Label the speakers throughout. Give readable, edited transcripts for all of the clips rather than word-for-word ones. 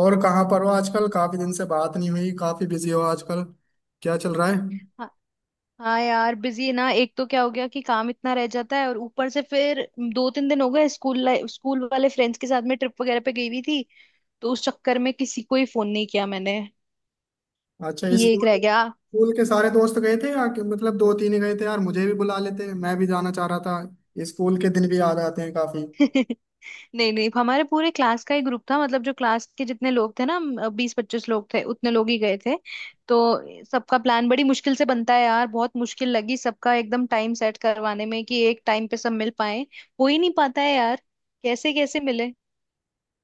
Speaker 1: और कहाँ पर हो आजकल? काफी दिन से बात नहीं हुई। काफी बिजी हो आजकल? क्या चल रहा है?
Speaker 2: हाँ, हाँ, यार बिजी ना। एक तो क्या हो गया कि काम इतना रह जाता है और ऊपर से फिर दो तीन दिन हो गए स्कूल लाइफ स्कूल वाले फ्रेंड्स के साथ में ट्रिप वगैरह पे गई हुई थी। तो उस चक्कर में किसी को ही फोन नहीं किया मैंने।
Speaker 1: अच्छा,
Speaker 2: ये एक
Speaker 1: स्कूल
Speaker 2: रह गया।
Speaker 1: स्कूल के सारे दोस्त गए थे मतलब दो तीन ही गए थे? यार मुझे भी बुला लेते, मैं भी जाना चाह रहा था। स्कूल के दिन भी याद आते हैं काफी।
Speaker 2: नहीं, नहीं, हमारे पूरे क्लास का ही ग्रुप था। मतलब जो क्लास के जितने लोग थे ना 20-25 लोग थे, उतने लोग ही गए थे। तो सबका प्लान बड़ी मुश्किल से बनता है यार। बहुत मुश्किल लगी सबका एकदम टाइम सेट करवाने में कि एक टाइम पे सब मिल पाए। हो ही नहीं पाता है यार। कैसे कैसे मिले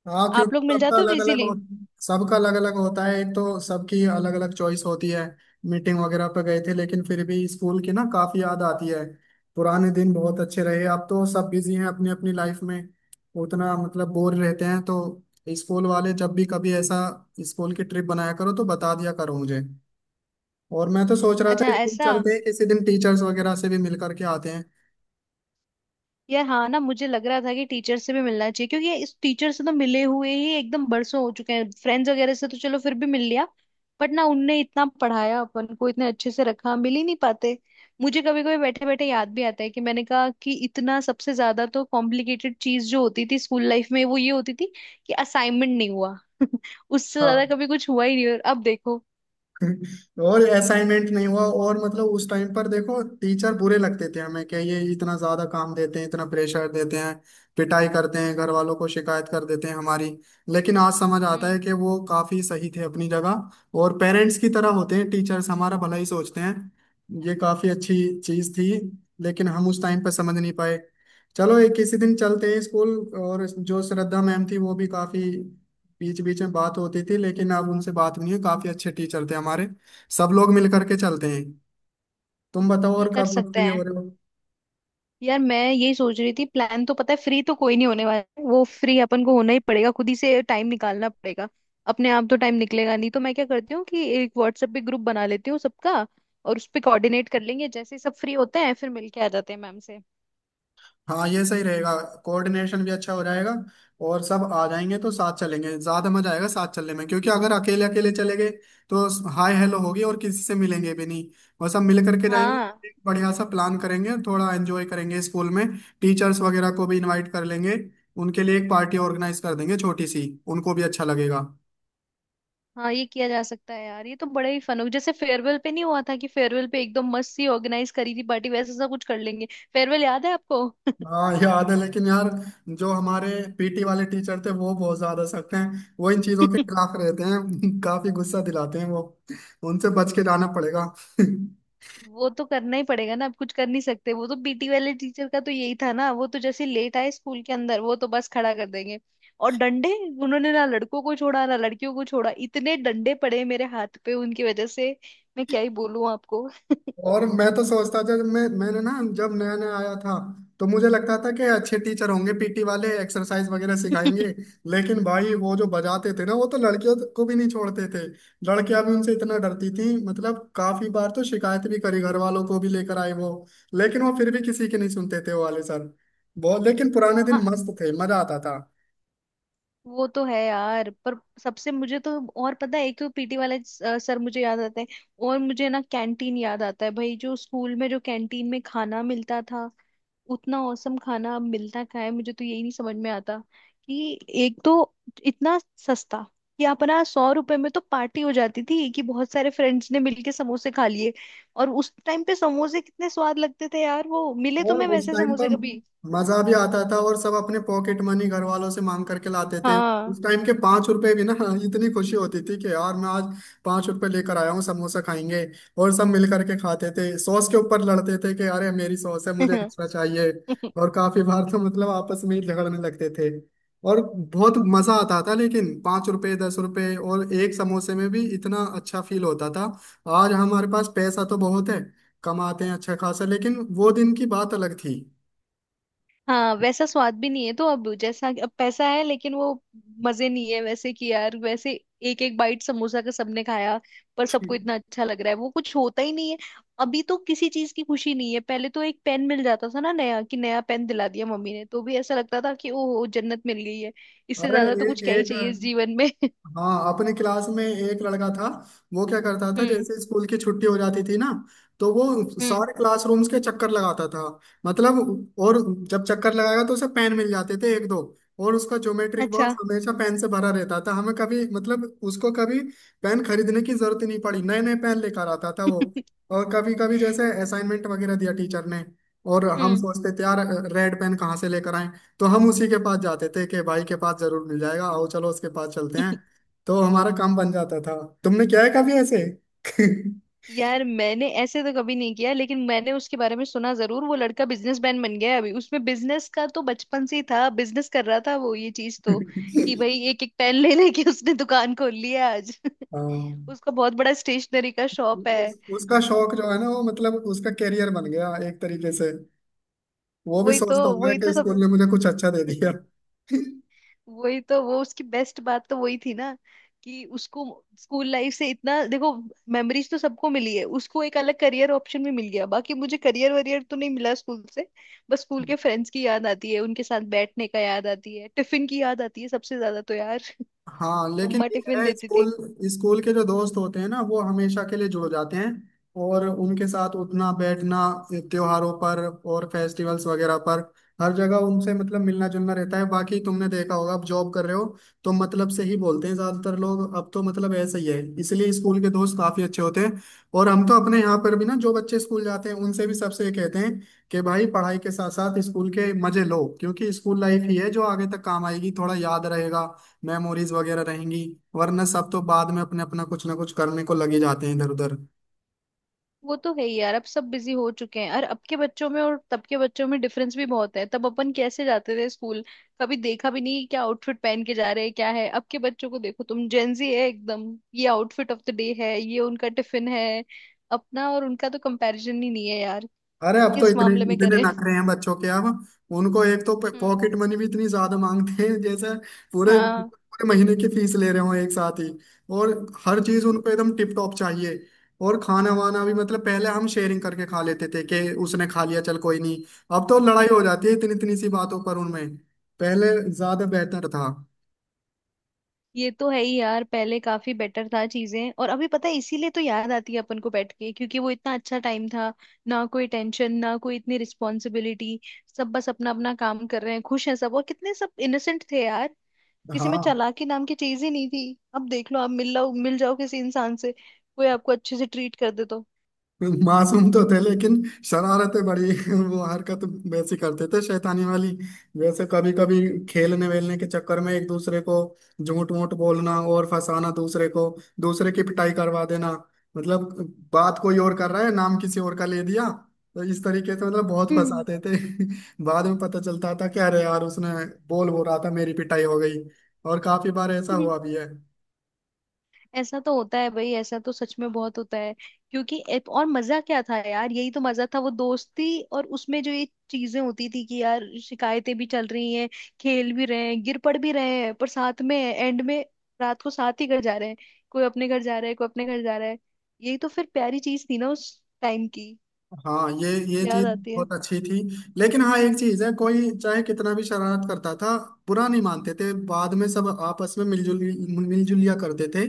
Speaker 1: हाँ,
Speaker 2: आप
Speaker 1: क्योंकि
Speaker 2: लोग? मिल जाते हो इजीली।
Speaker 1: सबका अलग अलग होता है। एक तो सबकी अलग अलग चॉइस होती है। मीटिंग वगैरह पे गए थे लेकिन फिर भी स्कूल की ना काफी याद आती है। पुराने दिन बहुत अच्छे रहे। अब तो सब बिजी हैं अपनी अपनी लाइफ में। उतना मतलब बोर रहते हैं तो स्कूल वाले जब भी कभी ऐसा स्कूल की ट्रिप बनाया करो तो बता दिया करो मुझे। और मैं तो सोच रहा था
Speaker 2: अच्छा,
Speaker 1: स्कूल
Speaker 2: ऐसा।
Speaker 1: चलते हैं किसी दिन, टीचर्स वगैरह से भी मिल करके आते हैं।
Speaker 2: यार हाँ ना, मुझे लग रहा था कि टीचर से भी मिलना चाहिए क्योंकि ये इस टीचर से तो मिले हुए ही एकदम बरसों हो चुके हैं। फ्रेंड्स वगैरह से तो चलो फिर भी मिल लिया। बट ना उनने इतना पढ़ाया अपन को, इतने अच्छे से रखा, मिल ही नहीं पाते। मुझे कभी कभी बैठे बैठे याद भी आता है कि मैंने कहा कि इतना सबसे ज्यादा तो कॉम्प्लिकेटेड चीज जो होती थी स्कूल लाइफ में वो ये होती थी कि असाइनमेंट नहीं हुआ। उससे ज्यादा
Speaker 1: हाँ।
Speaker 2: कभी कुछ हुआ ही नहीं, और अब देखो।
Speaker 1: और असाइनमेंट नहीं हुआ, और मतलब उस टाइम पर देखो टीचर बुरे लगते थे हमें, कि ये इतना ज्यादा काम देते हैं, इतना प्रेशर देते हैं, पिटाई करते हैं, घर वालों को शिकायत कर देते हैं हमारी। लेकिन आज समझ आता
Speaker 2: हम्म।
Speaker 1: है कि वो काफी सही थे अपनी जगह, और पेरेंट्स की तरह होते हैं टीचर्स, हमारा भला ही सोचते हैं। ये काफी अच्छी चीज थी लेकिन हम उस टाइम पर समझ नहीं पाए। चलो एक किसी दिन चलते हैं स्कूल। और जो श्रद्धा मैम थी वो भी काफी बीच बीच में बात होती थी, लेकिन अब उनसे बात नहीं हुई। काफी अच्छे टीचर थे हमारे। सब लोग मिल करके चलते हैं। तुम बताओ,
Speaker 2: ये
Speaker 1: और
Speaker 2: कर
Speaker 1: कब फ्री
Speaker 2: सकते।
Speaker 1: हो रहे हो?
Speaker 2: यार मैं यही सोच रही थी, प्लान तो पता है फ्री तो कोई नहीं होने वाला है। वो फ्री अपन को होना ही पड़ेगा, खुद ही से टाइम निकालना पड़ेगा। अपने आप तो टाइम निकलेगा नहीं। तो मैं क्या करती हूँ कि एक व्हाट्सएप पे ग्रुप बना लेती हूँ सबका, और उस पे कोऑर्डिनेट कर लेंगे। जैसे ही सब फ्री होते हैं फिर मिलके आ जाते हैं मैम से।
Speaker 1: हाँ, ये सही रहेगा, कोऑर्डिनेशन भी अच्छा हो जाएगा। और सब आ जाएंगे तो साथ चलेंगे, ज्यादा मजा आएगा साथ चलने में, क्योंकि अगर अकेले अकेले चले गए तो हाय हेलो होगी और किसी से मिलेंगे भी नहीं। और सब मिल करके जाएंगे,
Speaker 2: हाँ।
Speaker 1: एक बढ़िया सा प्लान करेंगे, थोड़ा एंजॉय करेंगे स्कूल में। टीचर्स वगैरह को भी इनवाइट कर लेंगे। उनके लिए एक पार्टी ऑर्गेनाइज कर देंगे छोटी सी, उनको भी अच्छा लगेगा।
Speaker 2: हाँ, ये किया जा सकता है यार। ये तो बड़ा ही फन हो। जैसे फेयरवेल पे नहीं हुआ था कि फेयरवेल पे एकदम मस्त सी ऑर्गेनाइज करी थी पार्टी, वैसा सा कुछ कर लेंगे। फेयरवेल याद है आपको?
Speaker 1: हाँ याद है, लेकिन यार जो हमारे पीटी वाले टीचर थे वो बहुत ज्यादा सख्त हैं, वो इन चीजों के खिलाफ रहते हैं। काफी गुस्सा दिलाते हैं वो। उनसे बच के जाना पड़ेगा।
Speaker 2: वो तो करना ही पड़ेगा ना। अब कुछ कर नहीं सकते। वो तो पीटी वाले टीचर का तो यही था ना, वो तो जैसे लेट आए स्कूल के अंदर वो तो बस खड़ा कर देंगे और डंडे। उन्होंने ना लड़कों को छोड़ा ना लड़कियों को छोड़ा, इतने डंडे पड़े मेरे हाथ पे उनकी वजह से। मैं क्या ही बोलूं आपको।
Speaker 1: और मैं तो सोचता था जब मैं मैंने ना जब नया नया आया था तो मुझे लगता था कि अच्छे टीचर होंगे, पीटी वाले एक्सरसाइज वगैरह सिखाएंगे। लेकिन भाई वो जो बजाते थे ना वो तो लड़कियों को भी नहीं छोड़ते थे। लड़कियां भी उनसे इतना डरती थी, मतलब काफी बार तो शिकायत भी करी, घर वालों को भी लेकर आए वो। लेकिन वो फिर भी किसी की नहीं सुनते थे, वो वाले सर। बहुत लेकिन पुराने दिन
Speaker 2: हाँ।
Speaker 1: मस्त थे, मजा आता था।
Speaker 2: वो तो है यार। पर सबसे मुझे तो, और पता है, एक तो पीटी वाला सर मुझे याद आता है। और मुझे ना कैंटीन याद आता है भाई। जो स्कूल में जो कैंटीन में खाना मिलता था, उतना औसम खाना अब मिलता कहाँ है? मुझे तो यही नहीं समझ में आता कि एक तो इतना सस्ता कि अपना 100 रुपए में तो पार्टी हो जाती थी कि बहुत सारे फ्रेंड्स ने मिलके समोसे खा लिए। और उस टाइम पे समोसे कितने स्वाद लगते थे यार। वो मिले
Speaker 1: और
Speaker 2: तुम्हें
Speaker 1: उस
Speaker 2: वैसे
Speaker 1: टाइम पर
Speaker 2: समोसे कभी?
Speaker 1: मजा भी आता था, और सब अपने पॉकेट मनी घर वालों से मांग करके लाते थे।
Speaker 2: हाँ।
Speaker 1: उस टाइम के 5 रुपए भी ना, हाँ, इतनी खुशी होती थी कि यार मैं आज 5 रुपए लेकर आया हूँ, समोसा खाएंगे। और सब मिल करके खाते थे, सॉस के ऊपर लड़ते थे कि अरे मेरी सॉस है, मुझे एक्स्ट्रा चाहिए। और काफी बार तो मतलब आपस में ही झगड़ने लगते थे, और बहुत मजा आता था। लेकिन 5 रुपए 10 रुपए और एक समोसे में भी इतना अच्छा फील होता था। आज हमारे पास पैसा तो बहुत है, कमाते हैं अच्छा खासा, लेकिन वो दिन की बात अलग थी।
Speaker 2: हाँ, वैसा स्वाद भी नहीं है। तो अब जैसा अब पैसा है लेकिन वो मजे नहीं है वैसे। कि यार वैसे एक एक बाइट समोसा का सबने खाया पर सबको इतना अच्छा लग रहा है। वो कुछ होता ही नहीं है अभी तो। किसी चीज की खुशी नहीं है। पहले तो एक पेन मिल जाता था ना नया, कि नया पेन दिला दिया मम्मी ने तो भी ऐसा लगता था कि ओहो जन्नत मिल गई है। इससे
Speaker 1: अरे!
Speaker 2: ज्यादा तो कुछ क्या
Speaker 1: ए,
Speaker 2: ही
Speaker 1: एक
Speaker 2: चाहिए इस जीवन में।
Speaker 1: हाँ, अपने क्लास में एक लड़का था। वो क्या करता था,
Speaker 2: हम्म।
Speaker 1: जैसे स्कूल की छुट्टी हो जाती थी ना तो वो
Speaker 2: हम्म।
Speaker 1: सारे क्लासरूम्स के चक्कर लगाता था। मतलब, और जब चक्कर लगाएगा तो उसे पेन मिल जाते थे, एक दो। और उसका ज्योमेट्रिक बॉक्स
Speaker 2: अच्छा।
Speaker 1: हमेशा पेन से भरा रहता था, हमें कभी मतलब उसको कभी पेन खरीदने की जरूरत ही नहीं पड़ी, नए नए पेन लेकर आता था वो। और कभी कभी जैसे असाइनमेंट वगैरह दिया टीचर ने, और हम
Speaker 2: हम्म।
Speaker 1: सोचते थे यार रेड पेन कहाँ से लेकर आए, तो हम उसी के पास जाते थे कि भाई के पास जरूर मिल जाएगा, आओ चलो उसके पास चलते हैं, तो हमारा काम बन जाता था। तुमने किया है कभी ऐसे?
Speaker 2: यार मैंने ऐसे तो कभी नहीं किया, लेकिन मैंने उसके बारे में सुना जरूर। वो लड़का बिजनेसमैन बन गया है अभी। उसमें बिजनेस का तो बचपन से ही था, बिजनेस कर रहा था वो। ये चीज तो, कि भाई एक एक पेन ले लेके उसने दुकान खोल ली है आज।
Speaker 1: हाँ,
Speaker 2: उसका बहुत बड़ा स्टेशनरी का शॉप है।
Speaker 1: उसका शौक जो है ना वो मतलब उसका करियर बन गया एक तरीके से। वो भी
Speaker 2: वही तो
Speaker 1: सोचता हूँ मैं
Speaker 2: वही
Speaker 1: कि
Speaker 2: तो सब
Speaker 1: स्कूल ने मुझे कुछ अच्छा दे दिया।
Speaker 2: वही तो वो उसकी बेस्ट बात तो वही थी ना कि उसको स्कूल लाइफ से इतना देखो मेमोरीज तो सबको मिली है, उसको एक अलग करियर ऑप्शन भी मिल गया। बाकी मुझे करियर वरियर तो नहीं मिला स्कूल से। बस स्कूल के फ्रेंड्स की याद आती है, उनके साथ बैठने का याद आती है, टिफिन की याद आती है सबसे ज्यादा तो यार।
Speaker 1: हाँ लेकिन
Speaker 2: मम्मा
Speaker 1: ये
Speaker 2: टिफिन
Speaker 1: है
Speaker 2: देती थी।
Speaker 1: स्कूल, स्कूल के जो दोस्त होते हैं ना वो हमेशा के लिए जुड़ जाते हैं, और उनके साथ उठना बैठना त्योहारों पर और फेस्टिवल्स वगैरह पर हर जगह उनसे मतलब मिलना जुलना रहता है। बाकी तुमने देखा होगा, अब जॉब कर रहे हो तो मतलब से ही बोलते हैं ज्यादातर लोग। अब तो मतलब ऐसा ही है, इसलिए स्कूल के दोस्त काफी अच्छे होते हैं। और हम तो अपने यहाँ पर भी ना जो बच्चे स्कूल जाते हैं उनसे भी सबसे ये कहते हैं कि भाई पढ़ाई के साथ साथ स्कूल के मजे लो, क्योंकि स्कूल लाइफ ही है जो आगे तक काम आएगी, थोड़ा याद रहेगा, मेमोरीज वगैरह रहेंगी। वरना सब तो बाद में अपने अपना कुछ ना कुछ करने को लगे जाते हैं इधर उधर।
Speaker 2: वो तो है ही यार। अब सब बिजी हो चुके हैं। और अब के बच्चों में और तब के बच्चों में डिफरेंस भी बहुत है। तब अपन कैसे जाते थे स्कूल, कभी देखा भी नहीं क्या आउटफिट पहन के जा रहे हैं क्या है। अब के बच्चों को देखो, तुम जेंजी है एकदम। ये आउटफिट ऑफ द डे है, ये उनका टिफिन है। अपना और उनका तो कंपैरिजन ही नहीं है यार।
Speaker 1: अरे अब तो
Speaker 2: किस
Speaker 1: इतने
Speaker 2: मामले में
Speaker 1: इतने
Speaker 2: करें?
Speaker 1: नखरे हैं बच्चों के अब। उनको एक तो
Speaker 2: हम्म।
Speaker 1: पॉकेट मनी भी इतनी ज्यादा मांगते हैं, जैसे पूरे
Speaker 2: हाँ।
Speaker 1: पूरे महीने की फीस ले रहे हो एक साथ ही। और हर चीज उनको एकदम टिप टॉप चाहिए। और खाना वाना भी, मतलब पहले हम शेयरिंग करके खा लेते थे कि उसने खा लिया चल कोई नहीं, अब तो लड़ाई
Speaker 2: हम्म।
Speaker 1: हो जाती है इतनी इतनी सी बातों पर उनमें। पहले ज्यादा बेहतर था।
Speaker 2: ये तो है ही यार। पहले काफी बेटर था चीजें। और अभी पता है इसीलिए तो याद आती है अपन को बैठ के, क्योंकि वो इतना अच्छा टाइम था, ना कोई टेंशन, ना कोई इतनी रिस्पॉन्सिबिलिटी। सब बस अपना अपना काम कर रहे हैं, खुश हैं सब। और कितने सब इनोसेंट थे यार, किसी में
Speaker 1: हाँ
Speaker 2: चालाकी नाम की चीज ही नहीं थी। अब देख लो आप, मिल लो मिल जाओ किसी इंसान से, कोई आपको अच्छे से ट्रीट कर दे तो।
Speaker 1: मासूम तो थे, लेकिन शरारतें बड़ी। वो हरकत वैसी करते थे, शैतानी वाली। वैसे कभी कभी खेलने वेलने के चक्कर में एक दूसरे को झूठ मूठ बोलना और फंसाना दूसरे को, दूसरे की पिटाई करवा देना। मतलब बात कोई और कर रहा है, नाम किसी और का ले दिया, तो इस तरीके से मतलब बहुत
Speaker 2: हम्म।
Speaker 1: फंसाते थे। बाद में पता चलता था कि अरे यार उसने बोल बोल रहा था, मेरी पिटाई हो गई। और काफी बार ऐसा हुआ भी है।
Speaker 2: ऐसा तो होता है भाई, ऐसा तो सच में बहुत होता है। क्योंकि और मजा क्या था यार, यही तो मजा था वो दोस्ती। और उसमें जो ये चीजें होती थी कि यार शिकायतें भी चल रही हैं, खेल भी रहे हैं, गिर पड़ भी रहे हैं, पर साथ में एंड में रात को साथ ही घर जा रहे हैं। कोई अपने घर जा रहा है, कोई अपने घर जा रहा है। यही तो फिर प्यारी चीज थी ना उस टाइम की।
Speaker 1: हाँ, ये
Speaker 2: याद
Speaker 1: चीज
Speaker 2: आती है।
Speaker 1: बहुत अच्छी थी। लेकिन हाँ एक चीज है, कोई चाहे कितना भी शरारत करता था, बुरा नहीं मानते थे, बाद में सब आपस में मिलजुल मिलजुलिया करते थे।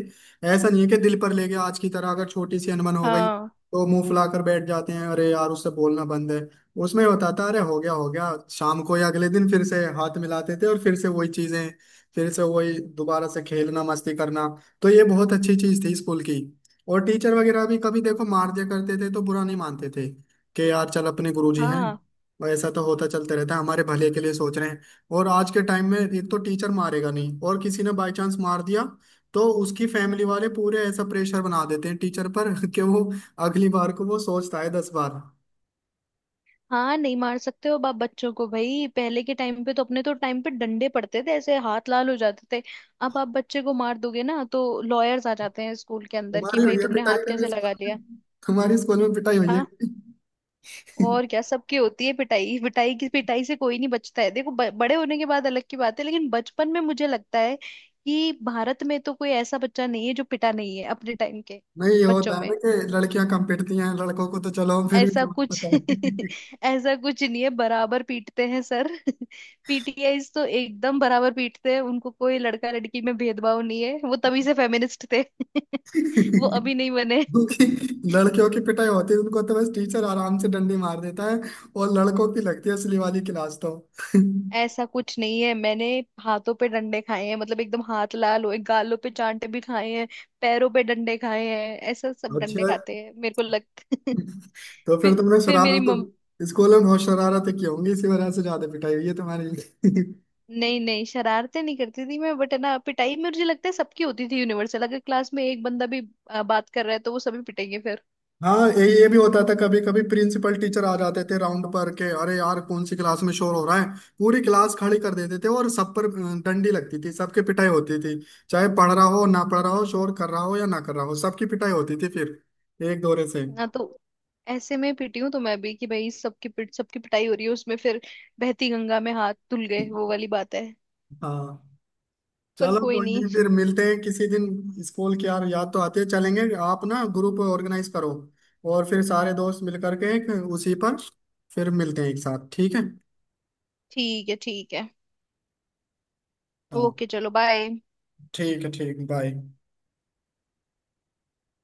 Speaker 1: ऐसा नहीं है कि दिल पर ले गया आज की तरह, अगर छोटी सी अनबन हो गई
Speaker 2: हाँ।
Speaker 1: तो मुंह फुलाकर बैठ जाते हैं, अरे यार उससे बोलना बंद है। उसमें होता था, अरे हो गया हो गया, शाम को या अगले दिन फिर से हाथ मिलाते थे, और फिर से वही चीजें, फिर से वही दोबारा से खेलना, मस्ती करना। तो ये बहुत अच्छी चीज थी स्कूल की। और टीचर वगैरह भी कभी देखो मार दिया करते थे तो बुरा नहीं मानते थे, कि यार चल अपने गुरुजी हैं,
Speaker 2: हाँ।
Speaker 1: और ऐसा तो होता चलते रहता है, हमारे भले के लिए सोच रहे हैं। और आज के टाइम में एक तो टीचर मारेगा नहीं, और किसी ने बाई चांस मार दिया तो उसकी फैमिली वाले पूरे ऐसा प्रेशर बना देते हैं टीचर पर कि वो अगली बार को वो सोचता है 10 बार।
Speaker 2: हाँ, नहीं मार सकते हो बाप बच्चों को भाई। पहले के टाइम पे तो अपने तो टाइम पे डंडे पड़ते थे, ऐसे हाथ लाल हो जाते थे। अब आप बच्चे को मार दोगे ना तो लॉयर्स आ जाते हैं स्कूल के अंदर कि
Speaker 1: तुम्हारी
Speaker 2: भाई
Speaker 1: हुई है
Speaker 2: तुमने
Speaker 1: पिटाई
Speaker 2: हाथ कैसे
Speaker 1: कभी
Speaker 2: लगा
Speaker 1: स्कूल
Speaker 2: लिया।
Speaker 1: में? तुम्हारी स्कूल में पिटाई हुई है
Speaker 2: हाँ।
Speaker 1: कभी?
Speaker 2: और क्या, सबकी होती है पिटाई। पिटाई की पिटाई से कोई नहीं बचता है। देखो बड़े होने के बाद अलग की बात है, लेकिन बचपन में मुझे लगता है कि भारत में तो कोई ऐसा बच्चा नहीं है जो पिटा नहीं है अपने टाइम के
Speaker 1: नहीं, ये होता
Speaker 2: बच्चों
Speaker 1: है ना
Speaker 2: में।
Speaker 1: कि लड़कियां कम पिटती हैं, लड़कों को तो चलो फिर भी
Speaker 2: ऐसा
Speaker 1: तुम्हें
Speaker 2: कुछ
Speaker 1: पता
Speaker 2: ऐसा कुछ नहीं है, बराबर पीटते हैं सर। पीटीआईज तो एकदम बराबर पीटते हैं, उनको कोई लड़का लड़की में भेदभाव नहीं है। वो तभी से फेमिनिस्ट थे।
Speaker 1: है।
Speaker 2: वो अभी नहीं बने।
Speaker 1: क्योंकि लड़कियों की पिटाई होती है, उनको तो बस टीचर आराम से डंडी मार देता है, और लड़कों की लगती है असली वाली क्लास तो।
Speaker 2: ऐसा कुछ नहीं है। मैंने हाथों पे डंडे खाए हैं मतलब एकदम हाथ लाल हुए, गालों पे चांटे भी खाए हैं, पैरों पे डंडे खाए हैं। ऐसा सब डंडे
Speaker 1: अच्छा,
Speaker 2: खाते हैं मेरे को लग।
Speaker 1: तो फिर
Speaker 2: फिर
Speaker 1: तुमने
Speaker 2: फिर
Speaker 1: शरारत तो स्कूल में बहुत शरारतें की होंगी इसी वजह से, ज्यादा पिटाई हुई है तुम्हारी।
Speaker 2: नहीं, नहीं, शरारतें नहीं करती थी मैं। बट है ना, पिटाई मुझे लगता है सबकी होती थी यूनिवर्सल। अगर क्लास में एक बंदा भी बात कर रहा है तो वो सभी पिटेंगे फिर।
Speaker 1: हाँ, ये भी होता था। कभी कभी प्रिंसिपल टीचर आ जाते थे राउंड पर के, अरे यार कौन सी क्लास में शोर हो रहा है। पूरी क्लास खड़ी कर देते थे और सब पर डंडी लगती थी, सबके पिटाई होती थी, चाहे पढ़ रहा हो ना पढ़ रहा हो, शोर कर रहा हो या ना कर रहा हो, सबकी पिटाई होती थी फिर एक दौरे से।
Speaker 2: ना तो ऐसे में पिटी हूँ तो मैं भी कि भाई सबकी पिटाई हो रही है उसमें फिर बहती गंगा में हाथ धुल गए वो वाली बात है।
Speaker 1: हाँ
Speaker 2: पर
Speaker 1: चलो
Speaker 2: कोई
Speaker 1: कोई
Speaker 2: नहीं।
Speaker 1: नहीं, फिर मिलते हैं किसी दिन। स्कूल की यार याद तो आती है, चलेंगे। आप ना ग्रुप ऑर्गेनाइज करो, और फिर सारे दोस्त मिल करके एक उसी पर फिर मिलते हैं एक साथ, ठीक है?
Speaker 2: ठीक है, ठीक है।
Speaker 1: हाँ
Speaker 2: ओके, चलो, बाय।
Speaker 1: ठीक है, ठीक, बाय।